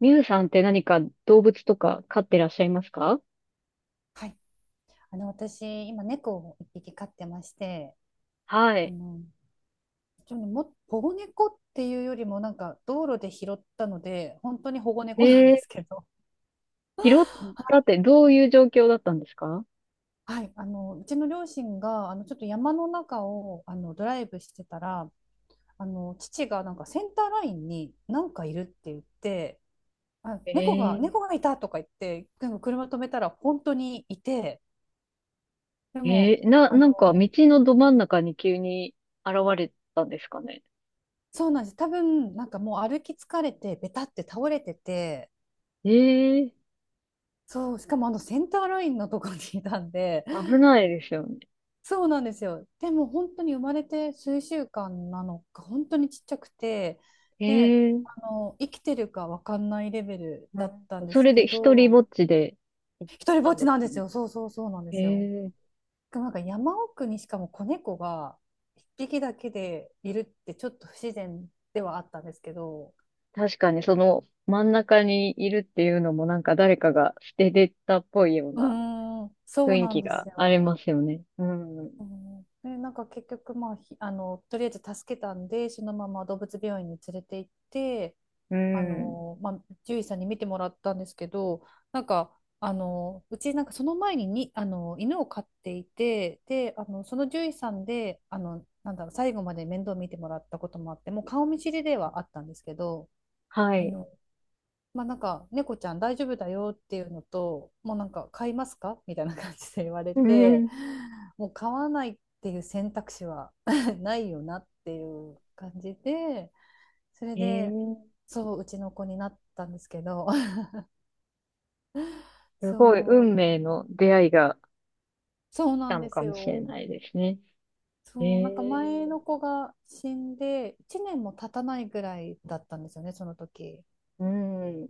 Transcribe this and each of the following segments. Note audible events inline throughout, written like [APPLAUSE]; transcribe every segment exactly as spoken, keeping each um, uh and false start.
ミュウさんって何か動物とか飼ってらっしゃいますか？はい。あの、私、今、猫を一匹飼ってまして、はあい。の、ちょっとも、保護猫っていうよりも、なんか、道路で拾ったので、本当に保護え猫なんでー、すけど、拾ったっ [LAUGHS] てどういう状況だったんですか？はい、あの、うちの両親が、あの、ちょっと山の中を、あの、ドライブしてたら、あの、父が、なんか、センターラインに、なんかいるって言って、あ、え猫が、へ。猫がいたとか言って、でも車止めたら、本当にいて、でも、えー、な、あなんか道の、のど真ん中に急に現れたんですかね？そうなんです。多分、なんかもう歩き疲れて、ベタって倒れてて、えー、そう、しかもあのセンターラインのとこにいたんで、[LAUGHS] 危ないですよね。そうなんですよ。でも本当に生まれて数週間なのか、本当にちっちゃくて、えで、ー、あの、生きてるかわかんないレベルうだっん、たんでそすれけで一人ぼど、っちで行っ一人たぼっんちですなんでよすね。よ。そうそうそうなんでえすよ。え。なんか山奥にしかも子猫が一匹だけでいるってちょっと不自然ではあったんですけど、確かにその真ん中にいるっていうのも、なんか誰かが捨ててったっぽいよううなーん、そう雰囲なん気でがすありよ。ますよね。うん。うんで、なんか結局、まあ、ひあの、とりあえず助けたんで、そのまま動物病院に連れて行って、うあん。の、まあ、獣医さんに見てもらったんですけど、なんか、あの、うち、なんかその前に、に、あの、犬を飼っていて、で、あの、その獣医さんで、あの、なんだろう、最後まで面倒見てもらったこともあって、もう顔見知りではあったんですけど、はあい。の、まあなんか猫ちゃん大丈夫だよっていうのと、もうなんか買いますかみたいな感じで言われうて、ん。もう買わないっていう選択肢は [LAUGHS] ないよなっていう感じで、それでええ、そううちの子になったんですけど。 [LAUGHS] すごいそ運う命の出会いがそう来なたんのでかすもしれよ。ないですね。えそう、なんか前え。の子が死んでいちねんも経たないぐらいだったんですよね、その時。うん。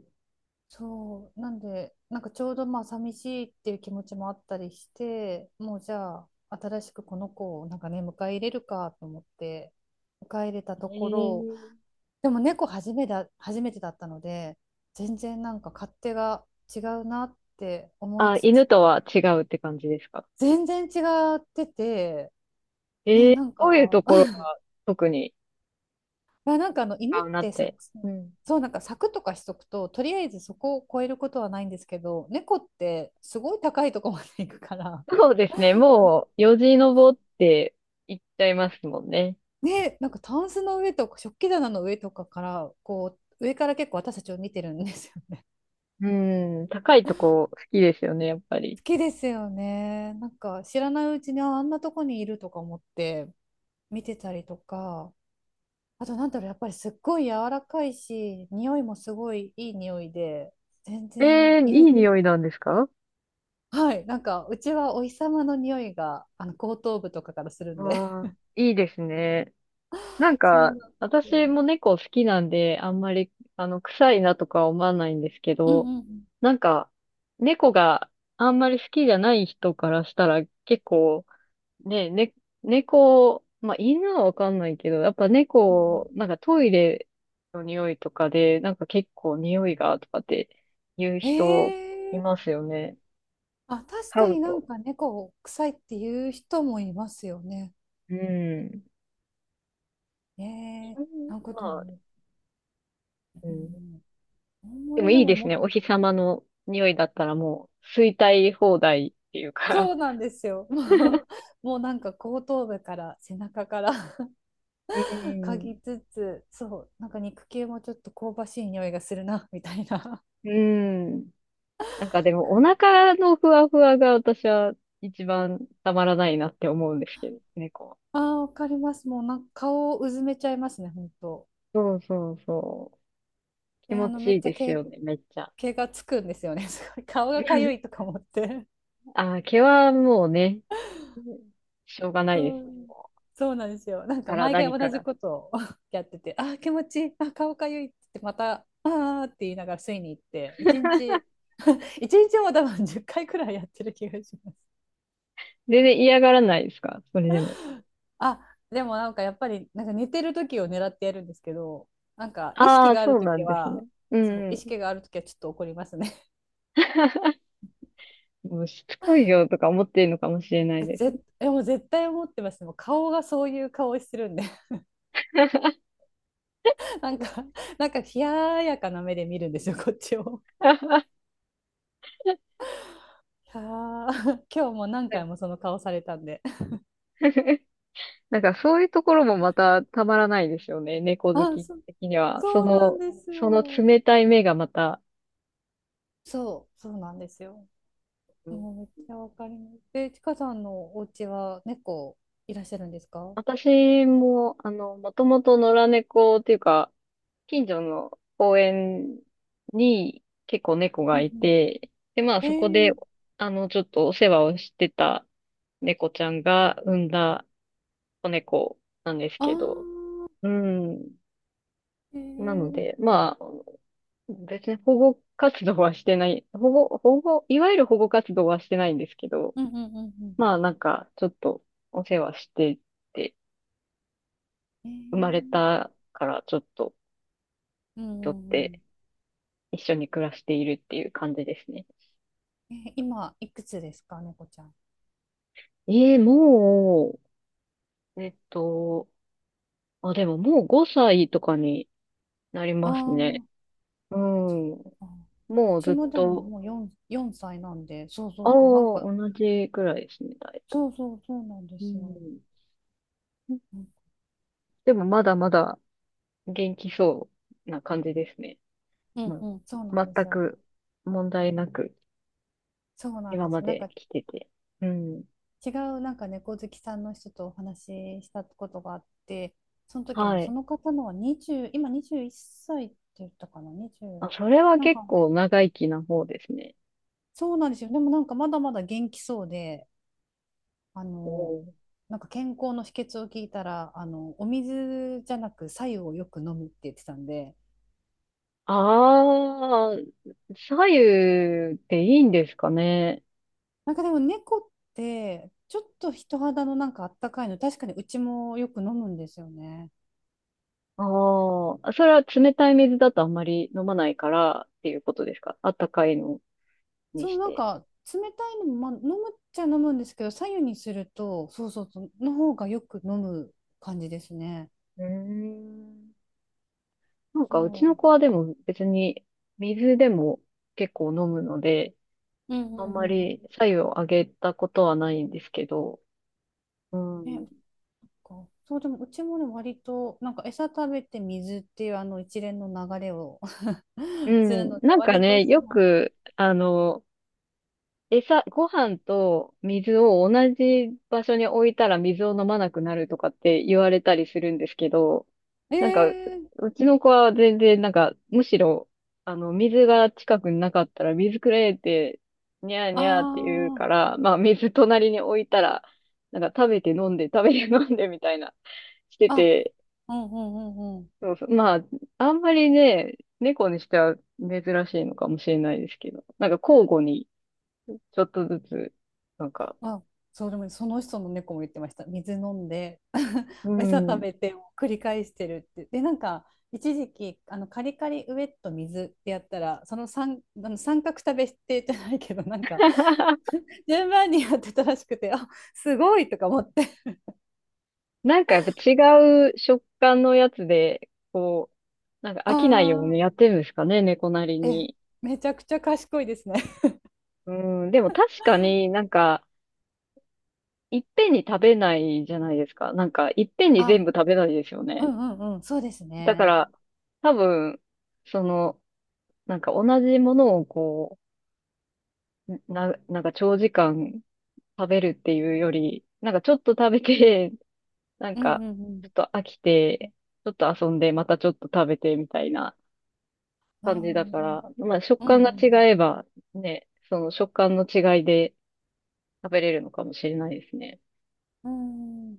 そう、なんで、なんかちょうどまあ寂しいっていう気持ちもあったりして、もうじゃあ、新しくこの子をなんかね、迎え入れるかと思って、迎え入れたところ、ええ、でも猫初めだ、初めてだったので、全然なんか勝手が違うなって思いあ、つつ、犬とは違うって感じですか？全然違ってて、ね、ええ、なんどういうとかころが特にまあ、なんかあの違犬っうなってさ、て。うん。そう、なんか柵とかしとくととりあえずそこを越えることはないんですけど、猫ってすごい高いとこまで行くから、そうですね。もう、よじ登って行っちゃいますもんね。ね、なんかタンスの上とか食器棚の上とかからこう上から結構私たちを見てるんですよ。 [LAUGHS] うん。高いとこ好きですよね、やっぱり。好きですよね、なんか知らないうちにああんなとこにいるとか思って見てたりとか。あとなんだろう、やっぱりすっごい柔らかいし、匂いもすごいいい匂いで、全え然え、犬、いい匂いなんですか？はい、なんかうちはお日様の匂いがあの後頭部とかからするんで。わあ、いいですね。なん [LAUGHS] そうか、なんです私よ。も猫好きなんで、あんまり、あの、臭いなとか思わないんですけうんうど、んうん。なんか、猫があんまり好きじゃない人からしたら、結構、ね、ね、猫、まあ、犬はわかんないけど、やっぱうん猫、うなんかトイレの匂いとかで、なんか結構匂いが、とかって言うん、人いえー、ますよね。あ、確飼かうになと。んか猫臭いっていう人もいますよね。うん。えー、犬、なんかでまあ、も、ううん。ん、あんまでもりでいいもですね。も、お日様の匂いだったらもう、吸いたい放題っていうか。そうなんですよ。[LAUGHS] もう、[LAUGHS] もうなんか後頭部から背中から [LAUGHS] う嗅ん。ぎつつ、そう、なんか肉球もちょっと香ばしい匂いがするなみたいなうん。なんかでも、お感、腹のふわふわが私は一番たまらないなって思うんですけど、猫は。ああ、わかります。もうなんか顔をうずめちゃいますね、本当。そうそうそう。気で、あ持の、めちいっいちゃです毛、よね、めっちゃ。毛がつくんですよね。[LAUGHS] すごい。顔がかゆいと [LAUGHS] か思って。あー、毛はもうね、しょうがないでそすね。う、そうなんですよ。なんかから毎回何か同じら。ことを [LAUGHS] やってて、あー気持ちいい、あー顔かゆいって言って、また、ああって言いながら吸いに行って、一日、[LAUGHS] 一日も多分じゅっかいくらいやってる気がします。全然嫌がらないですか、それでも？あ、でもなんかやっぱり、なんか寝てる時を狙ってやるんですけど、なんか意あ識あ、があるそうな時んですね。は、うんそう、う意ん。識がある時はちょっと怒りますね。[LAUGHS] もうしつこいよとか思ってるのかもしれないえ、です。ぜ、え、もう絶対思ってます。もう顔がそういう顔してるんで、[LAUGHS] なんか、なんか冷ややかな目で見るんですよ、[LAUGHS] こっちを。[LAUGHS] いやー [LAUGHS] 今日も何回もその顔されたんで。[LAUGHS] なんかそういうところもまたたまらないですよね。猫好あ、きそ、的には。そそうなんの、ですそのよ。冷たい目がまた。そう、そうなんですよ。うん。もうめっちゃわかります。で、ちかさんのお家は猫いらっしゃるんですか？私も、あの、もともと野良猫っていうか、近所の公園に結構猫うがんいうん。て、で、まあそこえで、え、あの、ちょっとお世話をしてた猫ちゃんが産んだ子猫なんですあけど、ー、うん。えなので、え、まあ、別に保護活動はしてない、保護、保護、いわゆる保護活動はしてないんですけど、うんうんうんまあなんか、ちょっとお世話してて、うん。生まれえたからちょっと、え、うとっんうんうてん。一緒に暮らしているっていう感じですね。えー今、いくつですか、猫ちゃん？ええ、もう、えっと、あ、でももうごさいとかになりあますね。あ、うそっん。か。うもうちずっもでもと、もうよん、よんさいなんで、そうそああ、うそう、なんか、同じくらいですね、だいたい。そうそうそうなんでうすよ。ん、うんでもまだまだ元気そうな感じですね。ううんうん。ん、そうなん全ですよ。く問題なくそうなん今ですまよ。なんでか来てて。うん。違う、なんか猫好きさんの人とお話ししたことがあって、その時はもそい。の方のはにじゅう、今にじゅういっさいっさいって言ったかな、あ、にじゅう。それはなんか、結構長生きな方ですね。そうなんですよ。でもなんかまだまだ元気そうで、あおの、ー。なんか健康の秘訣を聞いたら、あの、お水じゃなく白湯をよく飲むって言ってたんで、ああ、左右っていいんですかね？なんかでも猫ってちょっと人肌のなんかあったかいの、確かにうちもよく飲むんですよね。ああ、それは冷たい水だとあんまり飲まないからっていうことですか？あったかいのにそう、しなんて。か冷たいのも、まあ、飲むっちゃ飲むんですけど、白湯にすると、そうそうそう、の方がよく飲む感じですね。うーん。なんかうちその子はでも別に水でも結構飲むので、う、うんあうんんうまんうん。り白湯をあげたことはないんですけど、うね、なんん。かそう、でもうちもね、割と、なんか餌食べて水っていうあの一連の流れを う [LAUGHS] するん。ので、なんか割とね、そよの、く、あの、餌、ご飯と水を同じ場所に置いたら水を飲まなくなるとかって言われたりするんですけど、えなんか、ー、うちの子は全然、なんか、むしろ、あの、水が近くになかったら水くれって、にゃーあにゃーって言うー、から、まあ、水隣に置いたら、なんか食べて飲んで、食べて飲んでみたいな、してあ、て、うんうんうんうん。そうそう。まあ、あんまりね、猫にしては珍しいのかもしれないですけど。なんか交互にちょっとずつ、なんか、あ、そう、でもその人の猫も言ってました。水飲んで、[LAUGHS] う餌食ん。べてを繰り返してるって。で、なんか、一時期、あの、カリカリウエット水ってやったら、その三、あの三角食べしてじゃないけど、なんか、[LAUGHS] 順番にやってたらしくて、あ、すごいとか思って。なんかやっぱ違う食感のやつで、こう、なんか飽きないようにああ、やってるんですかね、猫なりえ、に。めちゃくちゃ賢いですね。うん。でも確かになんか、いっぺんに食べないじゃないですか。なんか、いっぺんにあ、全部食べないですようね。んうんうん、そうですだかね。ら、多分、その、なんか同じものをこう、な、なんか長時間食べるっていうより、なんかちょっと食べて、[LAUGHS] なんうんかうん、ちょっと飽きて、ちょっと遊んで、またちょっと食べてみたいなああ、う感じだかんら、まあ食う感がん。違えばね、その食感の違いで食べれるのかもしれないですね。うん。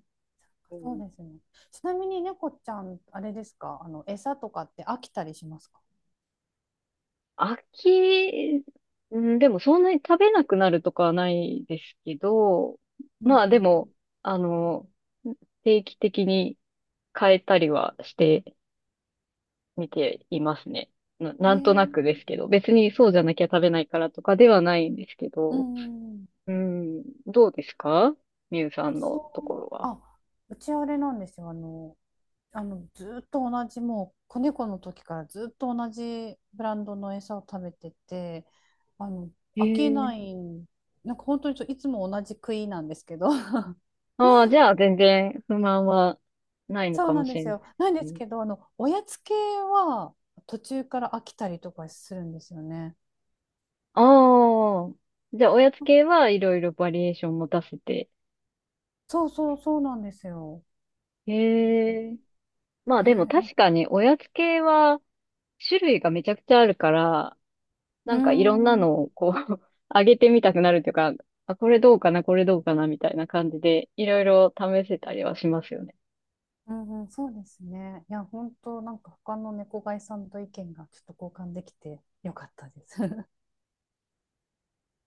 うそうん、ですね。ちなみに猫ちゃん、あれですか、あの、餌とかって飽きたりしますか？飽き、うん、でもそんなに食べなくなるとかはないですけど、うまあでんも、あの、定期的に変えたりはして、見ていますね。な、うん。なえんとなくですー、けど、別にそうじゃなきゃ食べないからとかではないんですけうど、んうんううん、どうですかみゆさんち、のところは？あ、うちあれなんですよ。あの、あの、ずーっと同じ、もう、子猫の時からずっと同じブランドの餌を食べてて、あの、へ飽きえ。ない、なんか本当にちょいつも同じ食いなんですけど、ああ、じゃあ全然不満はないのそうかなもんしでれすないよ。でなんすですね。けど、あの、おやつ系は途中から飽きたりとかするんですよね。ああ、じゃあおやつ系はいろいろバリエーション持たせて。そうそうそうなんですよ。え、へえ。まあでもね、確かにおやつ系は種類がめちゃくちゃあるから、うなーんかいろんなん、うのをこう [LAUGHS] 上げてみたくなるというか、あ、これどうかな、これどうかな、みたいな感じで、いろいろ試せたりはしますよね。んうん、そうですね。いや、本当なんか他の猫飼いさんと意見がちょっと交換できてよかったです。[LAUGHS]